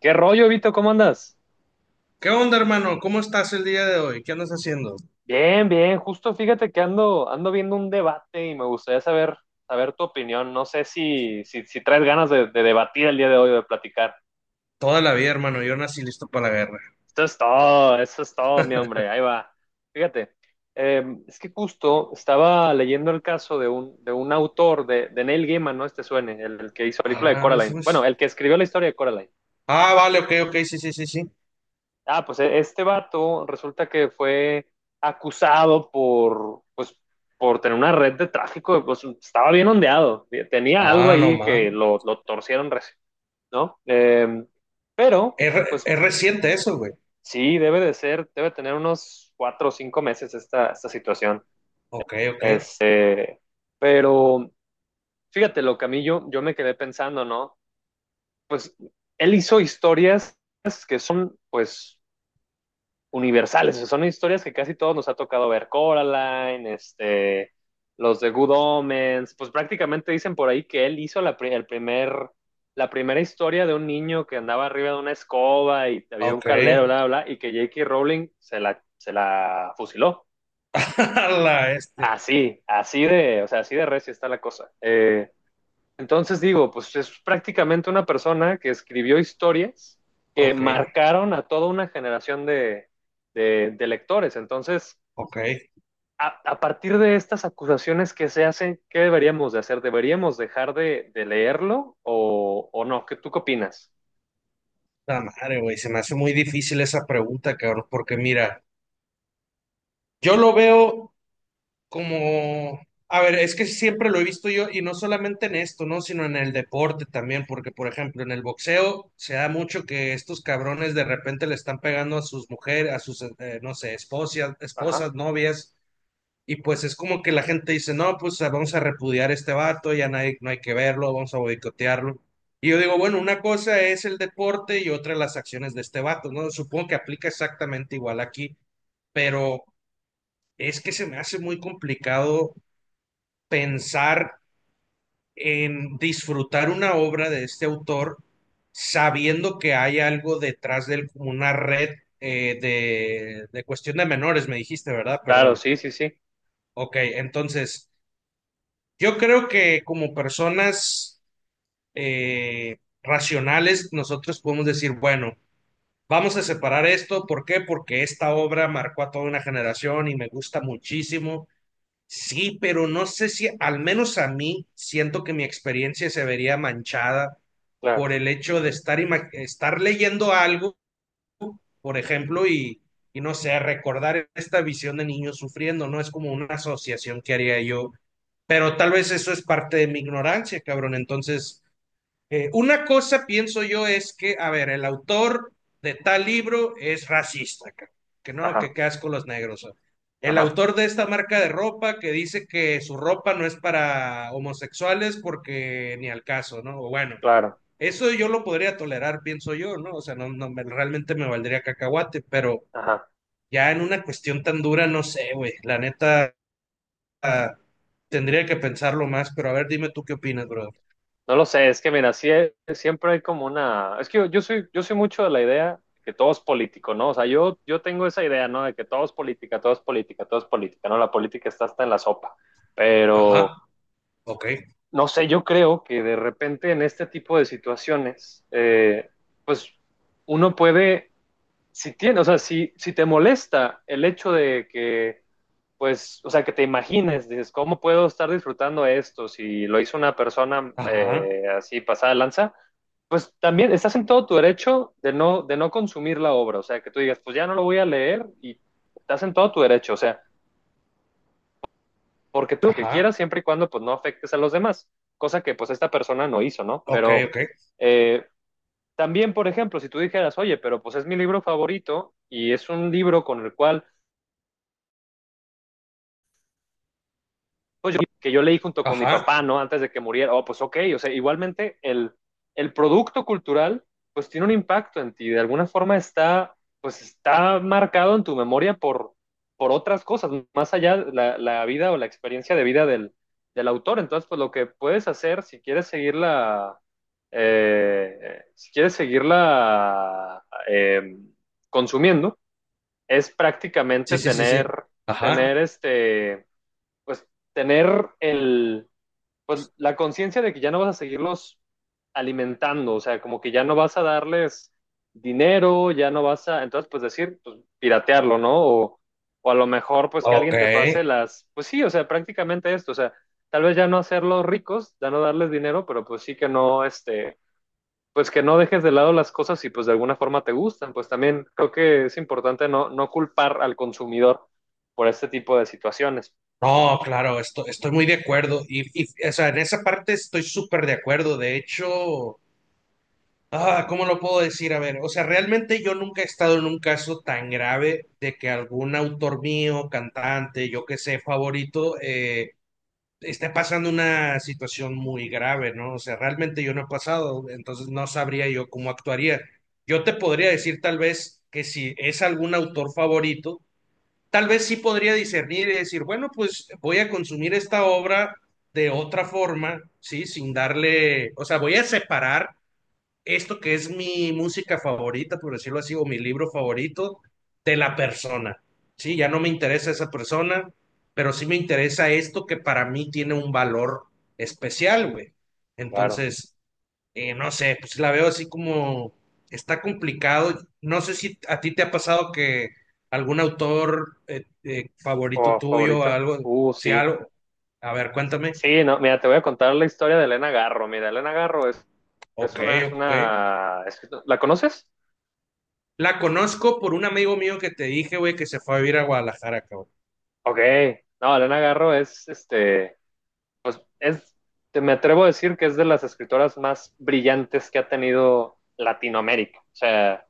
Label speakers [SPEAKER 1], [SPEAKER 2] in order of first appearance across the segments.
[SPEAKER 1] ¿Qué rollo, Vito? ¿Cómo andas?
[SPEAKER 2] ¿Qué onda, hermano? ¿Cómo estás el día de hoy? ¿Qué andas haciendo?
[SPEAKER 1] Bien, bien. Justo fíjate que ando viendo un debate y me gustaría saber tu opinión. No sé si traes ganas de debatir el día de hoy o de platicar.
[SPEAKER 2] Toda la vida, hermano. Yo nací listo para la guerra.
[SPEAKER 1] Esto es todo, eso es todo, mi hombre. Ahí va. Fíjate, eh, es que justo estaba leyendo el caso de un autor de Neil Gaiman, ¿no? El que hizo la película de
[SPEAKER 2] Ah, eso
[SPEAKER 1] Coraline. Bueno,
[SPEAKER 2] es-
[SPEAKER 1] el que escribió la historia de Coraline.
[SPEAKER 2] Ah, vale, ok, ok, sí, sí, sí, sí.
[SPEAKER 1] Ah, pues este vato resulta que fue acusado por, pues, por tener una red de tráfico. Pues estaba bien ondeado. Tenía algo
[SPEAKER 2] Ah, no
[SPEAKER 1] ahí que
[SPEAKER 2] mames.
[SPEAKER 1] lo torcieron recién, ¿no? Pero,
[SPEAKER 2] Es, re-
[SPEAKER 1] pues
[SPEAKER 2] es reciente eso, güey.
[SPEAKER 1] sí, debe de ser, debe tener unos cuatro o cinco meses esta situación.
[SPEAKER 2] Ok, ok,
[SPEAKER 1] Este, pero fíjate lo que a mí yo me quedé pensando, ¿no? Pues él hizo historias que son, pues, universales. O sea, son historias que casi todos nos ha tocado ver. Coraline, los de Good Omens. Pues prácticamente dicen por ahí que él hizo la primera historia de un niño que andaba arriba de una escoba y había un
[SPEAKER 2] ok.
[SPEAKER 1] caldero, bla, bla, bla, y que J.K. Rowling se la fusiló.
[SPEAKER 2] A la este.
[SPEAKER 1] Así, así de, o sea, así de recia está la cosa. Entonces digo, pues es prácticamente una persona que escribió historias que
[SPEAKER 2] Ok,
[SPEAKER 1] marcaron a toda una generación de lectores. Entonces,
[SPEAKER 2] ok.
[SPEAKER 1] a partir de estas acusaciones que se hacen, ¿qué deberíamos de hacer? ¿Deberíamos dejar de leerlo o no? ¿ tú qué opinas?
[SPEAKER 2] La madre, güey. Se me hace muy difícil esa pregunta, cabrón, porque mira, yo lo veo, como, a ver, es que siempre lo he visto yo y no solamente en esto, ¿no? Sino en el deporte también, porque por ejemplo en el boxeo se da mucho que estos cabrones de repente le están pegando a sus mujeres, a sus, no sé, esposas,
[SPEAKER 1] Ajá.
[SPEAKER 2] esposas, novias, y pues es como que la gente dice, no, pues ah, vamos a repudiar a este vato, no hay que verlo, vamos a boicotearlo. Y yo digo, bueno, una cosa es el deporte y otra las acciones de este vato, ¿no? Supongo que aplica exactamente igual aquí, pero es que se me hace muy complicado pensar en disfrutar una obra de este autor sabiendo que hay algo detrás de él, como una red de cuestión de menores, me dijiste, ¿verdad?
[SPEAKER 1] Claro,
[SPEAKER 2] Perdón.
[SPEAKER 1] sí, sí, sí.
[SPEAKER 2] Ok, entonces, yo creo que como personas racionales, nosotros podemos decir, bueno, vamos a separar esto. ¿Por qué? Porque esta obra marcó a toda una generación y me gusta muchísimo. Sí, pero no sé si, al menos a mí, siento que mi experiencia se vería manchada por
[SPEAKER 1] Claro.
[SPEAKER 2] el hecho de estar leyendo algo, por ejemplo, y no sé, recordar esta visión de niños sufriendo, ¿no? Es como una asociación que haría yo, pero tal vez eso es parte de mi ignorancia, cabrón. Entonces, una cosa pienso yo es que, a ver, el autor de tal libro es racista, que no, que
[SPEAKER 1] Ajá,
[SPEAKER 2] qué asco los negros. O. El
[SPEAKER 1] ajá,
[SPEAKER 2] autor de esta marca de ropa que dice que su ropa no es para homosexuales porque ni al caso, ¿no? O bueno,
[SPEAKER 1] claro.
[SPEAKER 2] eso yo lo podría tolerar, pienso yo, ¿no? O sea, no, no me- realmente me valdría cacahuate, pero
[SPEAKER 1] Ajá.
[SPEAKER 2] ya en una cuestión tan dura, no sé, güey. La neta, ah, tendría que pensarlo más, pero a ver, dime tú qué opinas, brother.
[SPEAKER 1] No lo sé, es que mira, sí, siempre hay como una. Es que yo soy mucho de la idea que todo es político, ¿no? O sea, yo tengo esa idea, ¿no? De que todo es política, todo es política, todo es política, ¿no? La política está hasta en la sopa.
[SPEAKER 2] Ajá,
[SPEAKER 1] Pero,
[SPEAKER 2] ok,
[SPEAKER 1] no sé, yo creo que de repente en este tipo de situaciones, pues uno puede, o sea, si te molesta el hecho de que, pues, o sea, que te imagines, dices, ¿cómo puedo estar disfrutando esto si lo hizo una persona
[SPEAKER 2] ajá.
[SPEAKER 1] así pasada de lanza? Pues también estás en todo tu derecho de no, consumir la obra, o sea, que tú digas, pues ya no lo voy a leer y estás en todo tu derecho. O sea, porque tú lo que quieras
[SPEAKER 2] Ajá.
[SPEAKER 1] siempre y cuando pues no afectes a los demás, cosa que pues esta persona no hizo, ¿no?
[SPEAKER 2] Ok,
[SPEAKER 1] Pero
[SPEAKER 2] ok.
[SPEAKER 1] eh, también, por ejemplo, si tú dijeras, oye, pero pues es mi libro favorito y es un libro con el cual pues que yo leí junto con mi
[SPEAKER 2] Ajá.
[SPEAKER 1] papá, ¿no? Antes de que muriera, oh, pues ok, o sea, igualmente el producto cultural, pues tiene un impacto en ti, de alguna forma pues está marcado en tu memoria por otras cosas, más allá de la vida o la experiencia de vida del autor. Entonces, pues lo que puedes hacer, si quieres seguirla consumiendo, es prácticamente
[SPEAKER 2] Sí, sí, sí, sí.
[SPEAKER 1] tener,
[SPEAKER 2] Ajá.
[SPEAKER 1] tener este, pues tener el, pues, la conciencia de que ya no vas a seguirlos alimentando. O sea, como que ya no vas a darles dinero, ya no vas a, entonces pues decir, pues piratearlo, ¿no? O a lo mejor pues que
[SPEAKER 2] Ok.
[SPEAKER 1] alguien te pase las, pues sí, o sea, prácticamente esto, o sea, tal vez ya no hacerlos ricos, ya no darles dinero, pero pues sí que no, pues que no dejes de lado las cosas y pues de alguna forma te gustan. Pues también creo que es importante no culpar al consumidor por este tipo de situaciones,
[SPEAKER 2] No, claro, esto, estoy muy de acuerdo. O sea, en esa parte estoy súper de acuerdo. De hecho, ¿cómo lo puedo decir? A ver, o sea, realmente yo nunca he estado en un caso tan grave de que algún autor mío, cantante, yo que sé, favorito, está pasando una situación muy grave, ¿no? O sea, realmente yo no he pasado, entonces no sabría yo cómo actuaría. Yo te podría decir tal vez que si es algún autor favorito, tal vez sí podría discernir y decir, bueno, pues voy a consumir esta obra de otra forma, ¿sí? Sin darle, o sea, voy a separar esto que es mi música favorita, por decirlo así, o mi libro favorito, de la persona. Sí, ya no me interesa esa persona, pero sí me interesa esto que para mí tiene un valor especial, güey.
[SPEAKER 1] claro.
[SPEAKER 2] Entonces, no sé, pues la veo así como está complicado. No sé si a ti te ha pasado que algún autor favorito
[SPEAKER 1] Oh,
[SPEAKER 2] tuyo,
[SPEAKER 1] favorito.
[SPEAKER 2] algo, si
[SPEAKER 1] Sí.
[SPEAKER 2] algo, a ver, cuéntame.
[SPEAKER 1] Sí, no, mira, te voy a contar la historia de Elena Garro. Mira, Elena Garro
[SPEAKER 2] Ok, ok.
[SPEAKER 1] ¿la conoces?
[SPEAKER 2] La conozco por un amigo mío que te dije, güey, que se fue a vivir a Guadalajara, cabrón.
[SPEAKER 1] Ok. No, Elena Garro pues me atrevo a decir que es de las escritoras más brillantes que ha tenido Latinoamérica. O sea,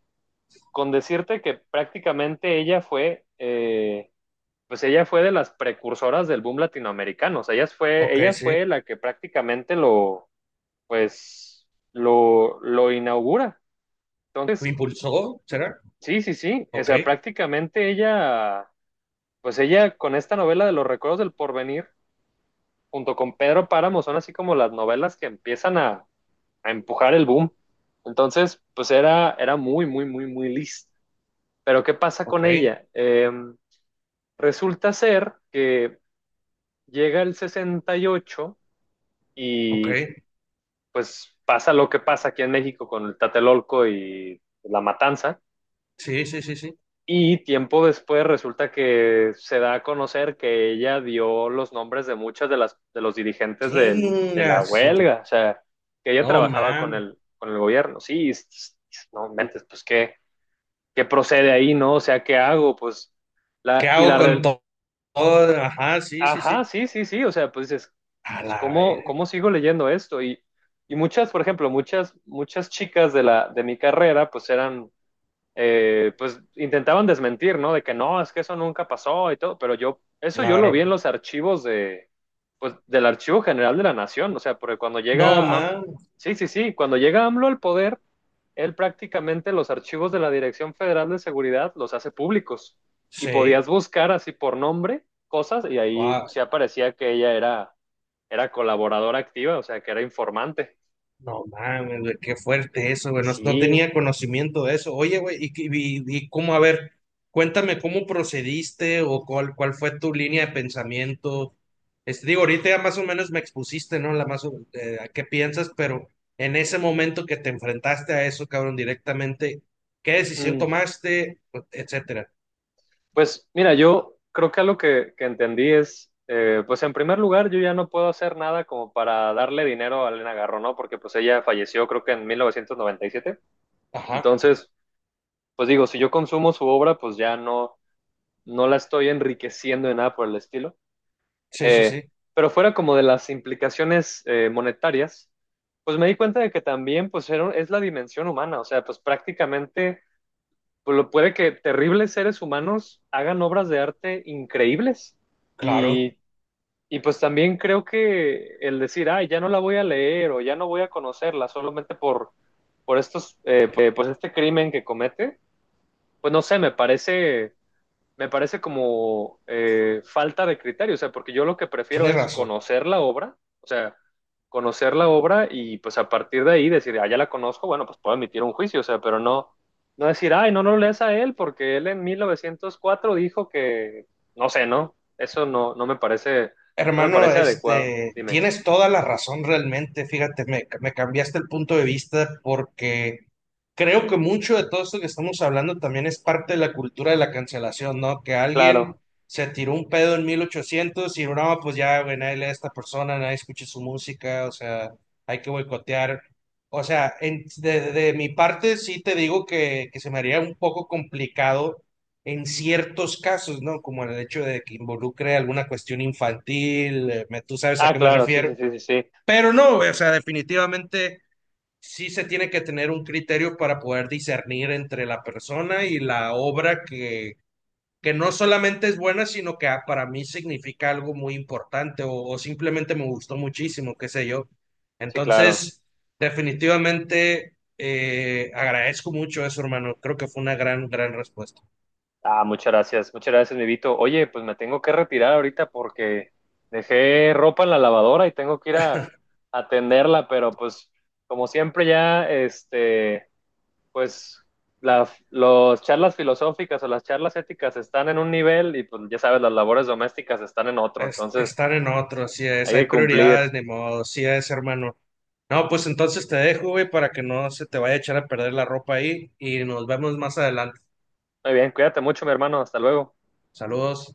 [SPEAKER 1] con decirte que prácticamente pues ella fue de las precursoras del boom latinoamericano. O sea, ella fue,
[SPEAKER 2] Ok,
[SPEAKER 1] ella
[SPEAKER 2] sí.
[SPEAKER 1] fue la que prácticamente lo pues lo inaugura.
[SPEAKER 2] ¿Lo
[SPEAKER 1] Entonces,
[SPEAKER 2] impulsó? ¿Será?
[SPEAKER 1] sí, sí, sí, o
[SPEAKER 2] Ok,
[SPEAKER 1] sea, prácticamente pues ella con esta novela de Los Recuerdos del Porvenir, junto con Pedro Páramo, son así como las novelas que empiezan a empujar el boom. Entonces, pues era muy, muy, muy, muy lista. Pero ¿qué pasa
[SPEAKER 2] ok,
[SPEAKER 1] con ella? Resulta ser que llega el sesenta y ocho
[SPEAKER 2] ok.
[SPEAKER 1] y pues pasa lo que pasa aquí en México con el Tatelolco y la matanza.
[SPEAKER 2] Sí, sí, sí, sí.
[SPEAKER 1] Y tiempo después resulta que se da a conocer que ella dio los nombres de muchas de los dirigentes de la
[SPEAKER 2] Chingas.
[SPEAKER 1] huelga. O sea, que ella
[SPEAKER 2] No
[SPEAKER 1] trabajaba con
[SPEAKER 2] mames.
[SPEAKER 1] el gobierno. Sí, no mentes, pues qué procede ahí, ¿no? O sea, ¿qué hago? Pues
[SPEAKER 2] ¿Qué
[SPEAKER 1] la y
[SPEAKER 2] hago
[SPEAKER 1] la
[SPEAKER 2] con
[SPEAKER 1] re-
[SPEAKER 2] to- todo? Ajá, sí, sí, sí.
[SPEAKER 1] ajá, sí, sí, sí, o sea, pues dices,
[SPEAKER 2] A
[SPEAKER 1] pues,
[SPEAKER 2] la
[SPEAKER 1] ¿cómo
[SPEAKER 2] vez,
[SPEAKER 1] cómo sigo leyendo esto? Y por ejemplo, muchas chicas de la de mi carrera pues eran pues intentaban desmentir, ¿no? De que no, es que eso nunca pasó y todo, pero eso yo lo vi en
[SPEAKER 2] claro.
[SPEAKER 1] los archivos pues, del Archivo General de la Nación. O sea, porque
[SPEAKER 2] No mames.
[SPEAKER 1] sí, sí, sí, cuando llega AMLO al poder, él prácticamente los archivos de la Dirección Federal de Seguridad los hace públicos y
[SPEAKER 2] Sí.
[SPEAKER 1] podías buscar así por nombre cosas y ahí sí aparecía que ella era colaboradora activa, o sea, que era informante.
[SPEAKER 2] No mames, güey, qué fuerte eso,
[SPEAKER 1] Y
[SPEAKER 2] güey. No, no
[SPEAKER 1] sí.
[SPEAKER 2] tenía conocimiento de eso. Oye, güey, y cómo, a ver, cuéntame cómo procediste o cuál fue tu línea de pensamiento. Este, digo, ahorita ya más o menos me expusiste, ¿no? A qué piensas, pero en ese momento que te enfrentaste a eso, cabrón, directamente, ¿qué decisión
[SPEAKER 1] mm,
[SPEAKER 2] tomaste? Etcétera.
[SPEAKER 1] Pues mira, yo creo que algo que entendí es, pues en primer lugar, yo ya no puedo hacer nada como para darle dinero a Elena Garro, ¿no? Porque pues ella falleció creo que en 1997.
[SPEAKER 2] Ajá.
[SPEAKER 1] Entonces, pues digo, si yo consumo su obra, pues ya no la estoy enriqueciendo de nada por el estilo.
[SPEAKER 2] Sí, sí,
[SPEAKER 1] Eh,
[SPEAKER 2] sí.
[SPEAKER 1] pero fuera como de las implicaciones monetarias, pues me di cuenta de que también pues es la dimensión humana, o sea, pues prácticamente pues lo puede que terribles seres humanos hagan obras de arte increíbles.
[SPEAKER 2] Claro.
[SPEAKER 1] Y y pues también creo que el decir, ay, ya no la voy a leer o ya no voy a conocerla solamente por pues este crimen que comete, pues no sé, me parece como falta de criterio. O sea, porque yo lo que prefiero
[SPEAKER 2] Tienes
[SPEAKER 1] es
[SPEAKER 2] razón.
[SPEAKER 1] conocer la obra, o sea, conocer la obra y pues a partir de ahí decir, ah, ya la conozco, bueno, pues puedo emitir un juicio. O sea, pero no decir, ay, no, no lo lees a él porque él en 1904 dijo que, no sé, ¿no? Eso no, no me parece, no me
[SPEAKER 2] Hermano,
[SPEAKER 1] parece adecuado,
[SPEAKER 2] este,
[SPEAKER 1] dime.
[SPEAKER 2] tienes toda la razón realmente. Fíjate, me cambiaste el punto de vista porque creo que mucho de todo esto que estamos hablando también es parte de la cultura de la cancelación, ¿no? Que
[SPEAKER 1] Claro.
[SPEAKER 2] alguien se tiró un pedo en 1800 y no, pues ya, güey, nadie lee a esta persona, nadie escucha su música, o sea, hay que boicotear. O sea, de mi parte sí te digo que se me haría un poco complicado en ciertos casos, ¿no? Como el hecho de que involucre alguna cuestión infantil, tú sabes a
[SPEAKER 1] Ah,
[SPEAKER 2] qué me
[SPEAKER 1] claro, sí,
[SPEAKER 2] refiero.
[SPEAKER 1] sí, sí, sí, sí,
[SPEAKER 2] Pero no, o sea, definitivamente sí se tiene que tener un criterio para poder discernir entre la persona y la obra que no solamente es buena, sino que ah, para mí significa algo muy importante o simplemente me gustó muchísimo, qué sé yo.
[SPEAKER 1] sí, claro.
[SPEAKER 2] Entonces, definitivamente agradezco mucho eso, hermano. Creo que fue una gran, gran respuesta.
[SPEAKER 1] Ah, muchas gracias, mi Vito. Oye, pues me tengo que retirar ahorita porque dejé ropa en la lavadora y tengo que ir a atenderla, pero pues como siempre ya, pues las los charlas filosóficas o las charlas éticas están en un nivel y pues ya sabes, las labores domésticas están en otro, entonces
[SPEAKER 2] Estar en otro, así es,
[SPEAKER 1] hay
[SPEAKER 2] hay
[SPEAKER 1] que cumplir.
[SPEAKER 2] prioridades, ni modo, así es, hermano. No, pues entonces te dejo, güey, para que no se te vaya a echar a perder la ropa ahí y nos vemos más adelante.
[SPEAKER 1] Muy bien, cuídate mucho, mi hermano, hasta luego.
[SPEAKER 2] Saludos.